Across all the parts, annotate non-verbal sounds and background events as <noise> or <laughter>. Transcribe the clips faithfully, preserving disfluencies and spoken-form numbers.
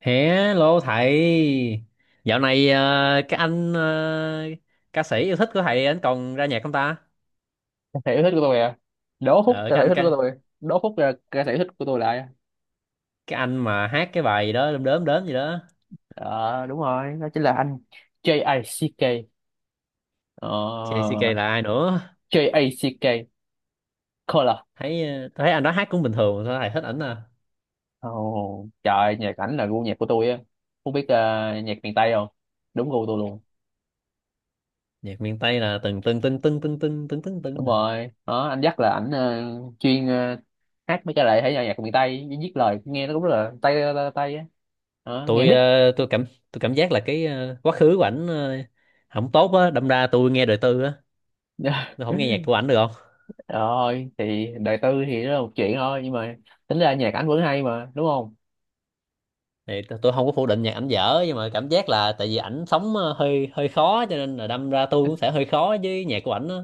Hello thầy, dạo này ờ, cái anh ờ, ca sĩ yêu thích của thầy anh còn ra nhạc không ta? Thể yêu thích của tôi à? Đố Phúc Ờ, ca cái sĩ yêu anh thích của cái, tôi, đố Phúc là ca sĩ yêu thích của tôi lại. cái anh mà hát cái bài đó đớm đớm đớm gì đó, Ờ, đúng rồi, đó chính là anh J-A-C-K. ờ, gi xê ca là ai nữa? J-A-C-K Color. Thấy ờ, thấy anh đó hát cũng bình thường, sao thầy thích ảnh à? Ồ trời, nhạc ảnh là gu nhạc của tôi á. Không biết ờ, nhạc miền Tây không, đúng gu tôi luôn. Nhạc miền Tây là từng từng từng từng từng từng từng từng từng Đúng hả? rồi đó, anh dắt là ảnh ờ, chuyên ờ, hát mấy cái lại thể nhạc miền Tây, viết lời nghe nó cũng rất là Tây, Tây á. Đó, nghe Tôi ờ, tôi cảm tôi cảm giác là cái ờ, quá khứ của ảnh ờ, không tốt á, đâm ra tôi nghe đời tư á, beat. tôi không nghe nhạc <laughs> của ảnh được. Rồi thì đời tư thì đó là một chuyện thôi, nhưng mà tính ra nhạc ảnh vẫn hay mà, đúng không? Thì t- tôi không có phủ định nhạc ảnh dở, nhưng mà cảm giác là tại vì ảnh sống ờ, hơi hơi khó, cho nên là đâm ra tôi cũng sẽ hơi khó với nhạc của ảnh á.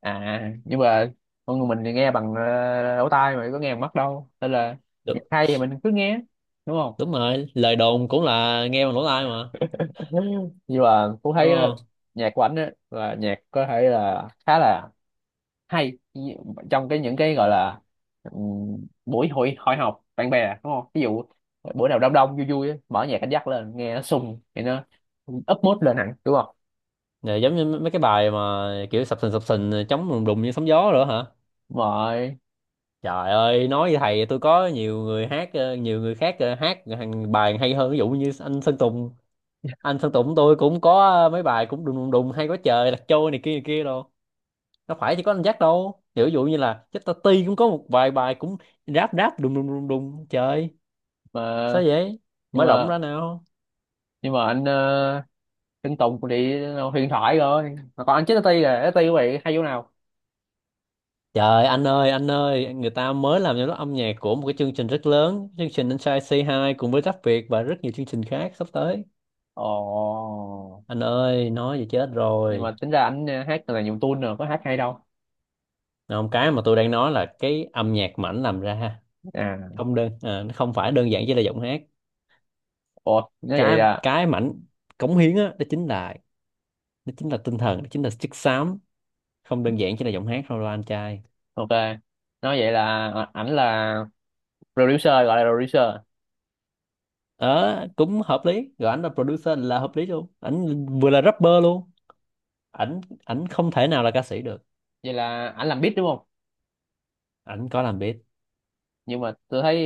À nhưng mà con người mình thì nghe bằng ờ, lỗ tai mà có nghe bằng mắt đâu, nên là nhạc Đúng, hay thì mình cứ nghe, đúng không? đúng rồi, lời đồn cũng là nghe bằng lỗ tai mà, <laughs> Nhưng mà cũng đúng thấy ờ, không? nhạc của ảnh á là nhạc có thể là khá là hay, trong cái những cái gọi là ừm, buổi hội hội họp bạn bè, đúng không? Ví dụ bữa nào đông đông vui vui á, mở nhạc anh dắt lên nghe nó sung thì nó up mood lên hẳn, đúng không? Rồi, giống như mấy mấy cái bài mà kiểu sập sình sập sình, ờ, chống đùng đùng như sóng gió nữa hả? Rồi Trời ơi, nói với thầy, tôi có nhiều người hát ờ, nhiều người khác ờ, hát hàng bài hay hơn, ví dụ như anh Sơn Tùng. Anh Sơn Tùng tôi cũng có, ờ, mấy bài cũng đùng đùng đùng hay quá trời, lạc trôi này kia này kia. Đâu, đâu phải chỉ có anh Jack đâu, ví dụ như là Jack Tati cũng có một vài bài cũng ráp ráp đùng đùng đùng đùng trời. Sao mà. vậy? nhưng Mở rộng mà ra nào. nhưng mà anh uh, anh Tùng cũng đi huyền thoại rồi mà, còn anh chết Ti là Ti của bạn hay chỗ nào? Trời anh ơi, anh ơi, người ta mới làm cho nó âm nhạc của một cái chương trình rất lớn, chương trình Inside xê hai cùng với Rap Việt và rất nhiều chương trình khác sắp tới. Ồ. Anh ơi, nói vậy chết Nhưng rồi. mà tính ra anh ờ, hát là nhiều tune rồi có hát hay đâu. Không, cái mà tôi đang nói là cái âm nhạc mảnh làm ra. À. Không đơn à, Nó không phải đơn giản chỉ là giọng hát. Ồ, nói vậy cái là. cái mảnh cống hiến á, đó chính là đó chính là tinh thần, đó chính là chất xám. Không đơn giản chỉ là giọng hát thôi đâu anh trai. Ok, nói vậy là ờ, ảnh là producer, gọi là producer. Ờ cũng hợp lý rồi, ảnh là producer là hợp lý luôn, ảnh vừa là rapper luôn. Ảnh ảnh không thể nào là ca sĩ được. Vậy là ảnh làm beat, đúng không? Ảnh có làm beat. Nhưng mà tôi thấy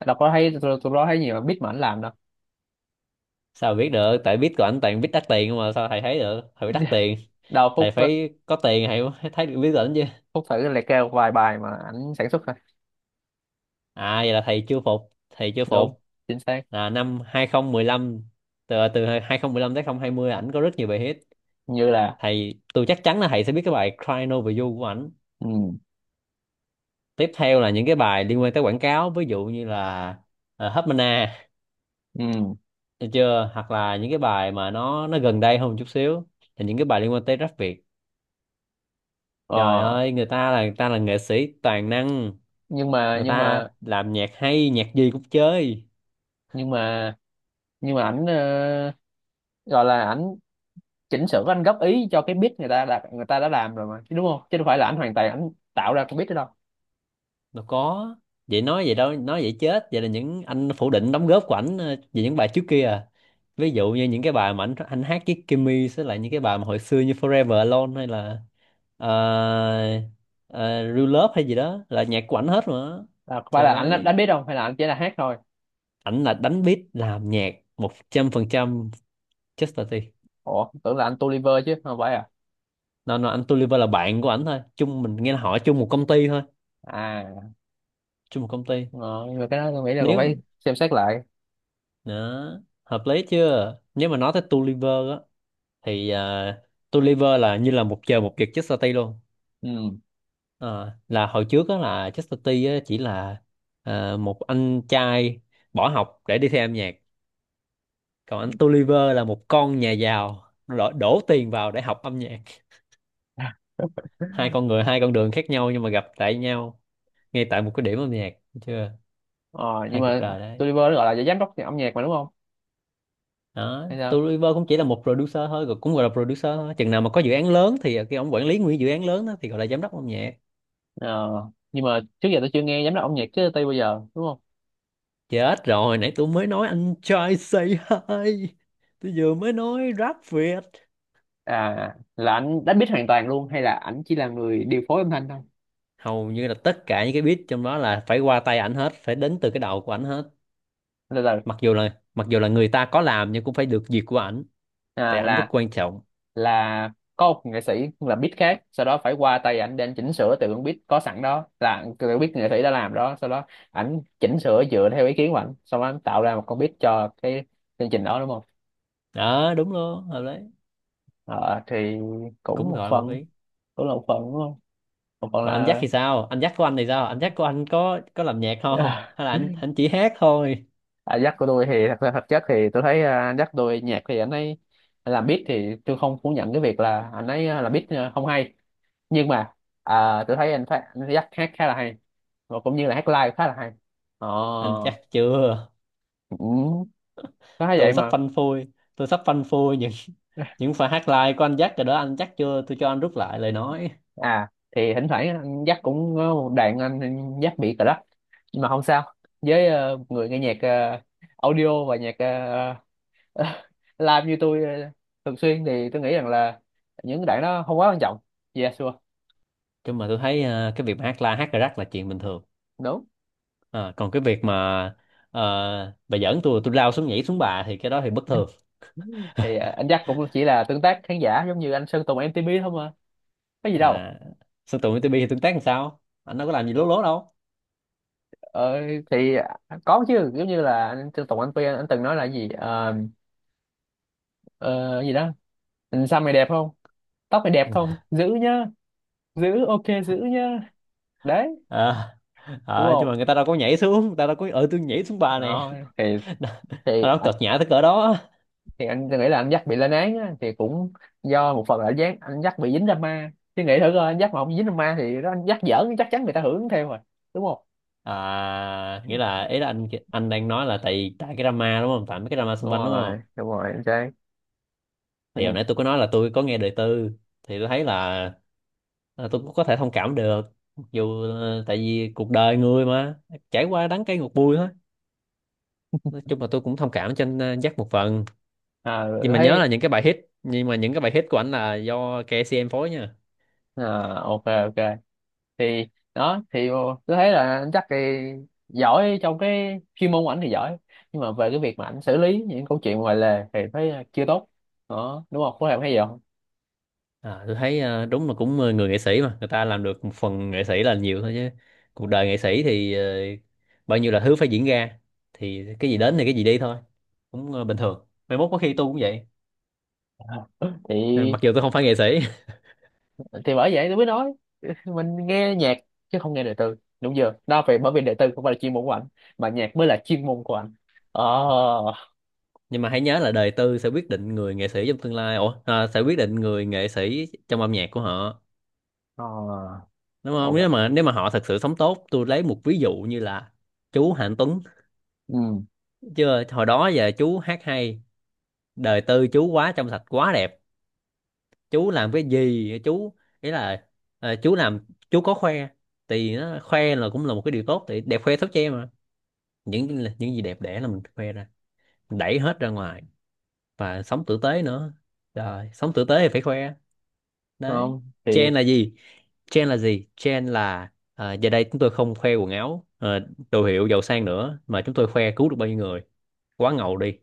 ờ, đâu có thấy, tôi, tôi đó thấy nhiều beat mà ảnh làm đâu. Sao mà biết được, tại beat của ảnh toàn beat đắt tiền không mà, sao thầy thấy được, thầy phải đắt <laughs> tiền. Đâu Thầy Phúc á, phải có tiền thầy mới thấy được beat của ảnh chứ. Phúc thử liệt kê vài bài mà ảnh sản xuất thôi. à vậy là thầy chưa phục, thầy chưa Đúng, phục. chính xác. Là năm hai không một năm, từ từ hai không một năm tới hai không hai không ảnh có rất nhiều bài hit. Như là. Thầy, tôi chắc chắn là thầy sẽ biết cái bài Crying Over You của ảnh. Ừ. Tiếp theo là những cái bài liên quan tới quảng cáo, ví dụ như là uh, Hubmana. Ừ. Được chưa? Hoặc là những cái bài mà nó nó gần đây hơn một chút xíu, là những cái bài liên quan tới rap Việt. Trời Ờ. ơi, người ta là người ta là nghệ sĩ toàn năng. nhưng mà Người nhưng ta mà làm nhạc hay, nhạc gì cũng chơi. nhưng mà nhưng mà ảnh ờ, gọi là ảnh chỉnh sửa, anh góp ý cho cái beat người ta đã, người ta đã làm rồi mà chứ, đúng không? Chứ đâu phải là ảnh hoàn toàn ảnh tạo ra cái beat đó đâu. Đâu có, vậy nói vậy đâu, nói vậy chết, vậy là những anh phủ định đóng góp của ảnh ờ, về những bài trước kia à? Ví dụ như những cái bài mà anh anh hát với Kimmy sẽ là những cái bài mà hồi xưa như Forever Alone hay là uh, Real Love hay gì đó, là nhạc của ảnh hết mà. À, có phải Trời là ảnh đã, đã ơi, biết đâu, hay là ảnh chỉ là hát thôi? ảnh là đánh beat làm nhạc một trăm phần trăm, Chester T. Ủa, tưởng là anh Tolliver chứ không phải à? nó nó, anh Tolliver là bạn của ảnh thôi, chung mình nghe là họ chung một công ty thôi. À, Chung một công ty. ờ, nhưng mà cái đó tôi nghĩ là còn Nếu phải xem xét lại. đó hợp lý chưa, nếu mà nói tới Tolliver á, thì à, Tulliver là như là một trời một vực Chester City luôn. Ừ. Ờ, là hồi trước đó là Chester City á, chỉ là à, một anh trai bỏ học để đi theo âm nhạc. Còn anh Tulliver là một con nhà giàu, đổ, đổ tiền vào để học âm nhạc. Hai con người, hai con đường khác nhau, nhưng mà gặp tại nhau ngay tại một cái điểm âm nhạc. Thấy chưa? Ờ. Nhưng Hai cuộc mà đời đấy. Tolliver nó gọi là giám đốc âm nhạc mà, đúng không? Đó, Hay sao? Tulliver cũng chỉ là một producer thôi, cũng gọi là producer thôi, chừng nào mà có dự án lớn thì cái ông quản lý nguyên dự án lớn đó thì gọi là giám đốc âm nhạc. Ờ, nhưng mà trước giờ tôi chưa nghe giám đốc âm nhạc chứ tây bây giờ, đúng không? Chết rồi, nãy tôi mới nói anh trai say hi. Tôi vừa mới nói rap Việt. À, là anh đánh biết hoàn toàn luôn hay là ảnh chỉ là người điều phối âm thanh thôi? Hầu như là tất cả những cái beat trong đó là phải qua tay ảnh hết, phải đến từ cái đầu của ảnh hết. Từ từ. Mặc dù là mặc dù là người ta có làm nhưng cũng phải được duyệt của ảnh, tại À, ảnh rất là. quan trọng. Là có một nghệ sĩ là beat khác, sau đó phải qua tay ảnh để anh chỉnh sửa từ con beat có sẵn đó, là từ beat nghệ sĩ đã làm đó, sau đó ảnh chỉnh sửa dựa theo ý kiến của ảnh, xong anh tạo ra một con beat cho cái chương trình đó, đúng không? Đó, đúng luôn, hợp lý. Ờ, thì cũng Cũng một gọi là một phần, ý. cũng là một phần đúng không, một phần. Còn anh Jack thì sao? Anh Jack của anh thì sao? Anh Jack của anh có có làm nhạc không? Là Hay là <laughs> anh anh chỉ hát thôi? à, Jack của tôi thì thật ra thật chất thì tôi thấy à, Jack tôi nhạc thì anh ấy làm beat thì tôi không phủ nhận cái việc là anh ấy à, làm beat à, không hay. Nhưng mà à, tôi thấy anh phát anh Jack hát khá là hay, và cũng như là hát live khá là hay. Ờ, Anh chắc chưa? cũng có thấy tôi vậy sắp mà. phanh phui tôi sắp phanh phui những <laughs> những pha hát live của anh Jack rồi đó. Anh Jack chưa, tôi cho anh rút lại lời nói. À, thì thỉnh thoảng anh Jack cũng có một đoạn anh Jack bị cờ lắc, nhưng mà không sao. Với ờ, người nghe nhạc ờ, audio và nhạc ờ, <laughs> làm như tôi ờ, thường xuyên thì tôi nghĩ rằng là những đoạn đó không quá quan trọng. Yeah sure. Chứ mà tôi thấy ờ, cái việc mà hát live hát cà rắc là chuyện bình thường. Đúng. Ờ, còn cái việc mà uh, bà giỡn tôi tôi lao xuống nhảy xuống bà thì cái đó thì bất thường. Thì ờ, anh Jack cũng chỉ là tương tác khán giả giống như anh Sơn Tùng em tê pê thôi mà, có gì đâu? à, sân tụi em tê pê thì tương tác làm sao, anh đâu có làm gì lố lố đâu. Ờ, thì à, có chứ, giống như là anh Sơn Tùng, anh Phi, anh anh từng nói là gì ờ, ờ, gì đó, anh xăm mày đẹp không, tóc mày đẹp không, giữ nhá, giữ ok, giữ nhá, đấy, à, đúng à, nhưng không? mà người ta đâu có nhảy xuống, người ta đâu có, ờ tôi nhảy xuống bà nè. Đó thì. <laughs> nó Thì nó à. cợt nhã tới cỡ đó. Thì anh nghĩ là anh dắt bị lên án á, thì cũng do một phần là anh dắt anh dắt bị dính drama. Chứ nghĩ thử coi, anh dắt mà không dính drama thì nó, anh dắt giỡn chắc chắn người ta hưởng theo rồi, đúng không? à nghĩa là, ý là, anh anh đang nói là tại tại cái drama, đúng không, tại mấy cái drama Đúng xung quanh đúng rồi không? đúng rồi anh trai. Thì hồi Ừ. nãy tôi có nói là tôi có nghe đời tư, thì tôi thấy là, là tôi cũng có thể thông cảm được. Mặc dù ờ, tại vì cuộc đời người mà trải qua đắng cay ngọt bùi thôi. Nói chung là tôi cũng thông cảm cho anh ờ, Jack một phần. À, Nhưng tôi mà nhớ là thấy. những cái bài hit, nhưng mà những cái bài hit của anh là do ca xê em phối nha. À, ok ok. Thì đó, thì tôi thấy là anh chắc thì giỏi trong cái chuyên môn của ảnh thì giỏi, nhưng mà về cái việc mà ảnh xử lý những câu chuyện ngoài lề thì thấy chưa tốt. Đó đúng không, có em thấy gì không? à, tôi thấy ờ, đúng là cũng ờ, người nghệ sĩ mà người ta làm được một phần nghệ sĩ là nhiều thôi chứ. Cuộc đời nghệ sĩ thì ờ, bao nhiêu là thứ phải diễn ra. Thì cái gì đến thì cái gì đi thôi. Cũng ờ, bình thường, mai mốt có khi tôi cũng vậy. <laughs> Ờ, Thì. mặc dù tôi không phải nghệ sĩ, Thì bởi vậy tôi mới nói <laughs> mình nghe nhạc chứ không nghe đời tư, đúng chưa? Đó phải, bởi vì đời tư không phải là chuyên môn của anh, mà nhạc mới là chuyên môn của anh. Ờ. nhưng mà hãy nhớ là đời tư sẽ quyết định người nghệ sĩ trong tương lai, ủa à, sẽ quyết định người nghệ sĩ trong âm nhạc của họ. Ờ. Đúng không? nếu Ok. mà nếu mà họ thật sự sống tốt, tôi lấy một ví dụ như là chú Hạnh Tuấn. Ừ. Chưa, hồi đó giờ chú hát hay, đời tư chú quá trong sạch, quá đẹp. Chú làm cái gì chú, ý là ờ, chú làm, chú có khoe. Thì nó khoe là cũng là một cái điều tốt, thì đẹp khoe thốt che mà, những những gì đẹp đẽ là mình khoe ra, mình đẩy hết ra ngoài, và sống tử tế nữa. Trời, sống tử tế thì phải khoe, đấy. Không thì. Trend là gì? Trend là gì trend là à, giờ đây chúng tôi không khoe quần áo ờ, đồ hiệu giàu sang nữa, mà chúng tôi khoe cứu được bao nhiêu người. Quá ngầu đi.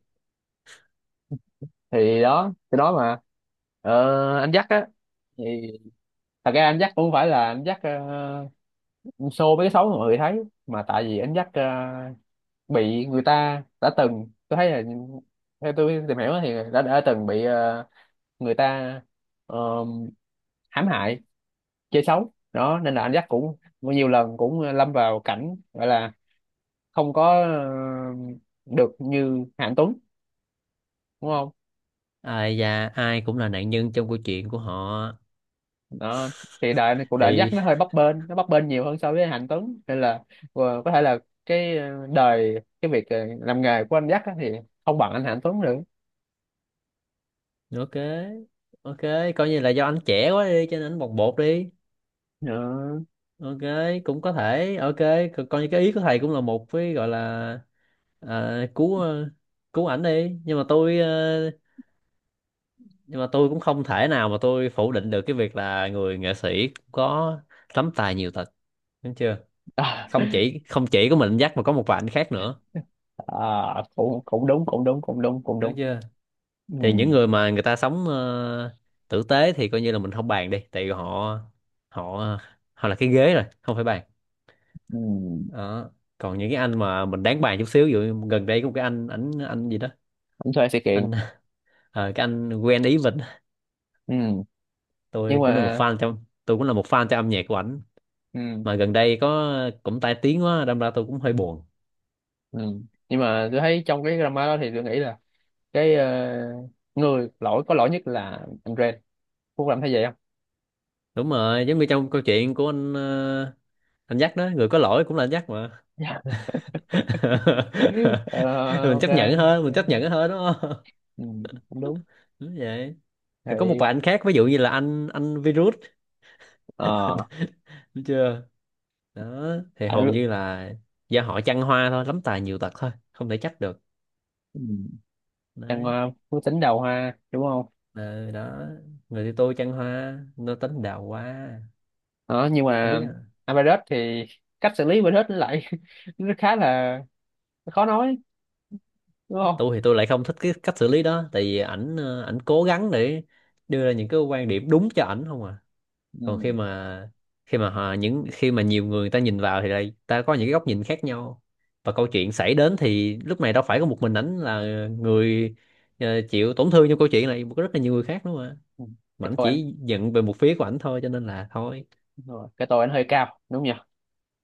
Thì đó, thì đó mà. Ờ, anh dắt á thì thật ra anh dắt cũng không phải là anh dắt ờ, show mấy cái xấu mà mọi người thấy, mà tại vì anh dắt ờ, bị người ta, đã từng tôi thấy là theo tôi tìm hiểu thì đã đã từng bị ờ, người ta ờ, hãm hại, chơi xấu đó, nên là anh dắt cũng nhiều lần cũng lâm vào cảnh gọi là không có ờ, được như Hạnh Tuấn, đúng không? Ai da, ai cũng là nạn nhân trong câu chuyện của họ. Đó thì đời này, cuộc đời anh dắt Thì nó hơi bấp bênh, nó bấp bênh nhiều hơn so với Hạnh Tuấn, nên là ờ, có thể là cái ờ, đời cái việc ờ, làm nghề của anh dắt á thì không bằng anh Hạnh Tuấn được. ok, ok, coi như là do anh trẻ quá đi cho nên anh bồng bột đi. Đó. Ok, cũng có thể ok. Co- coi như cái ý của thầy cũng là một cái gọi là à, cứu ờ, cứu ảnh đi, nhưng mà tôi ờ, nhưng mà tôi cũng không thể nào mà tôi phủ định được cái việc là người nghệ sĩ có lắm tài nhiều tật. Đúng chưa? <laughs> À. Không chỉ không chỉ có mình dắt mà có một vài anh khác nữa. À, cũng cũng đúng, cũng đúng, cũng đúng, cũng Đúng đúng. chưa? Ừ. Thì những người mà người ta sống ờ, tử tế thì coi như là mình không bàn đi, tại vì họ họ họ là cái ghế rồi, không phải bàn. Ừ. Đó. Còn những cái anh mà mình đáng bàn chút xíu, ví dụ gần đây có một cái anh ảnh anh gì đó, Anh thuê sự kiện. anh <laughs> ờ, cái anh Gwen Ý Vịnh. Ừ. Tôi nhưng cũng là một mà. Fan trong tôi cũng là một fan cho âm nhạc của ảnh. Ừ. Mà gần đây có cũng tai tiếng quá, đâm ra tôi cũng hơi buồn. Ừ. Nhưng mà tôi thấy trong cái drama đó thì tôi nghĩ là cái ờ, người lỗi, có lỗi nhất là anh Ren. Phúc làm thấy vậy không? Đúng rồi, giống như trong câu chuyện của anh ờ, anh dắt đó, người có lỗi cũng là anh dắt mà. Dạ. <laughs> <laughs> Ờ, Mình ok, chấp nhận hơn, mình chấp ok. nhận hơn, đúng không? Ừ, cũng đúng. <laughs> Đúng vậy. Rồi có một Thì. vài anh khác, ví dụ như là anh anh virus. Ờ. Đúng chưa? Đó thì hầu Phải. như là do họ chăn hoa thôi, lắm tài nhiều tật thôi, không thể trách được. Ừ, đang Đấy. ờ, phú tính đầu ha, đúng không? Ờ, đó, người thì tôi chăn hoa nó tính đào hoa. Đó, nhưng Không biết. mà Average thì cách xử lý Average nó lại <laughs> nó khá là khó nói, đúng không? Tôi thì tôi lại không thích cái cách xử lý đó, tại vì ảnh ờ, ảnh cố gắng để đưa ra những cái quan điểm đúng cho ảnh không à. Còn Ừ. khi mà, khi mà họ, những khi mà nhiều người người ta nhìn vào thì đây ta có những cái góc nhìn khác nhau. Và câu chuyện xảy đến thì lúc này đâu phải có một mình ảnh là người ờ, chịu tổn thương, trong câu chuyện này có rất là nhiều người khác nữa mà. Ừ. Mà Cái ảnh tôi anh, chỉ giận về một phía của ảnh thôi cho nên là thôi. đúng rồi, cái tôi anh hơi cao, đúng nhỉ?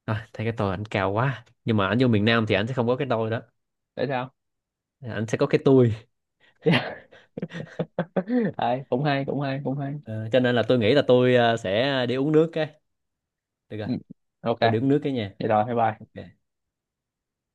à, thấy cái tôi ảnh cao quá, nhưng mà ảnh vô miền Nam thì ảnh sẽ không có cái tôi đó. Tại sao? Ảnh sẽ có cái tôi. <laughs> Đấy, cũng hay, cũng hay, cũng hay. Ờ, cho nên là tôi nghĩ là tôi ờ, sẽ đi uống nước cái, được rồi, Ừ, ok, tôi đếm nước cái nha. vậy rồi bye bye. Ok.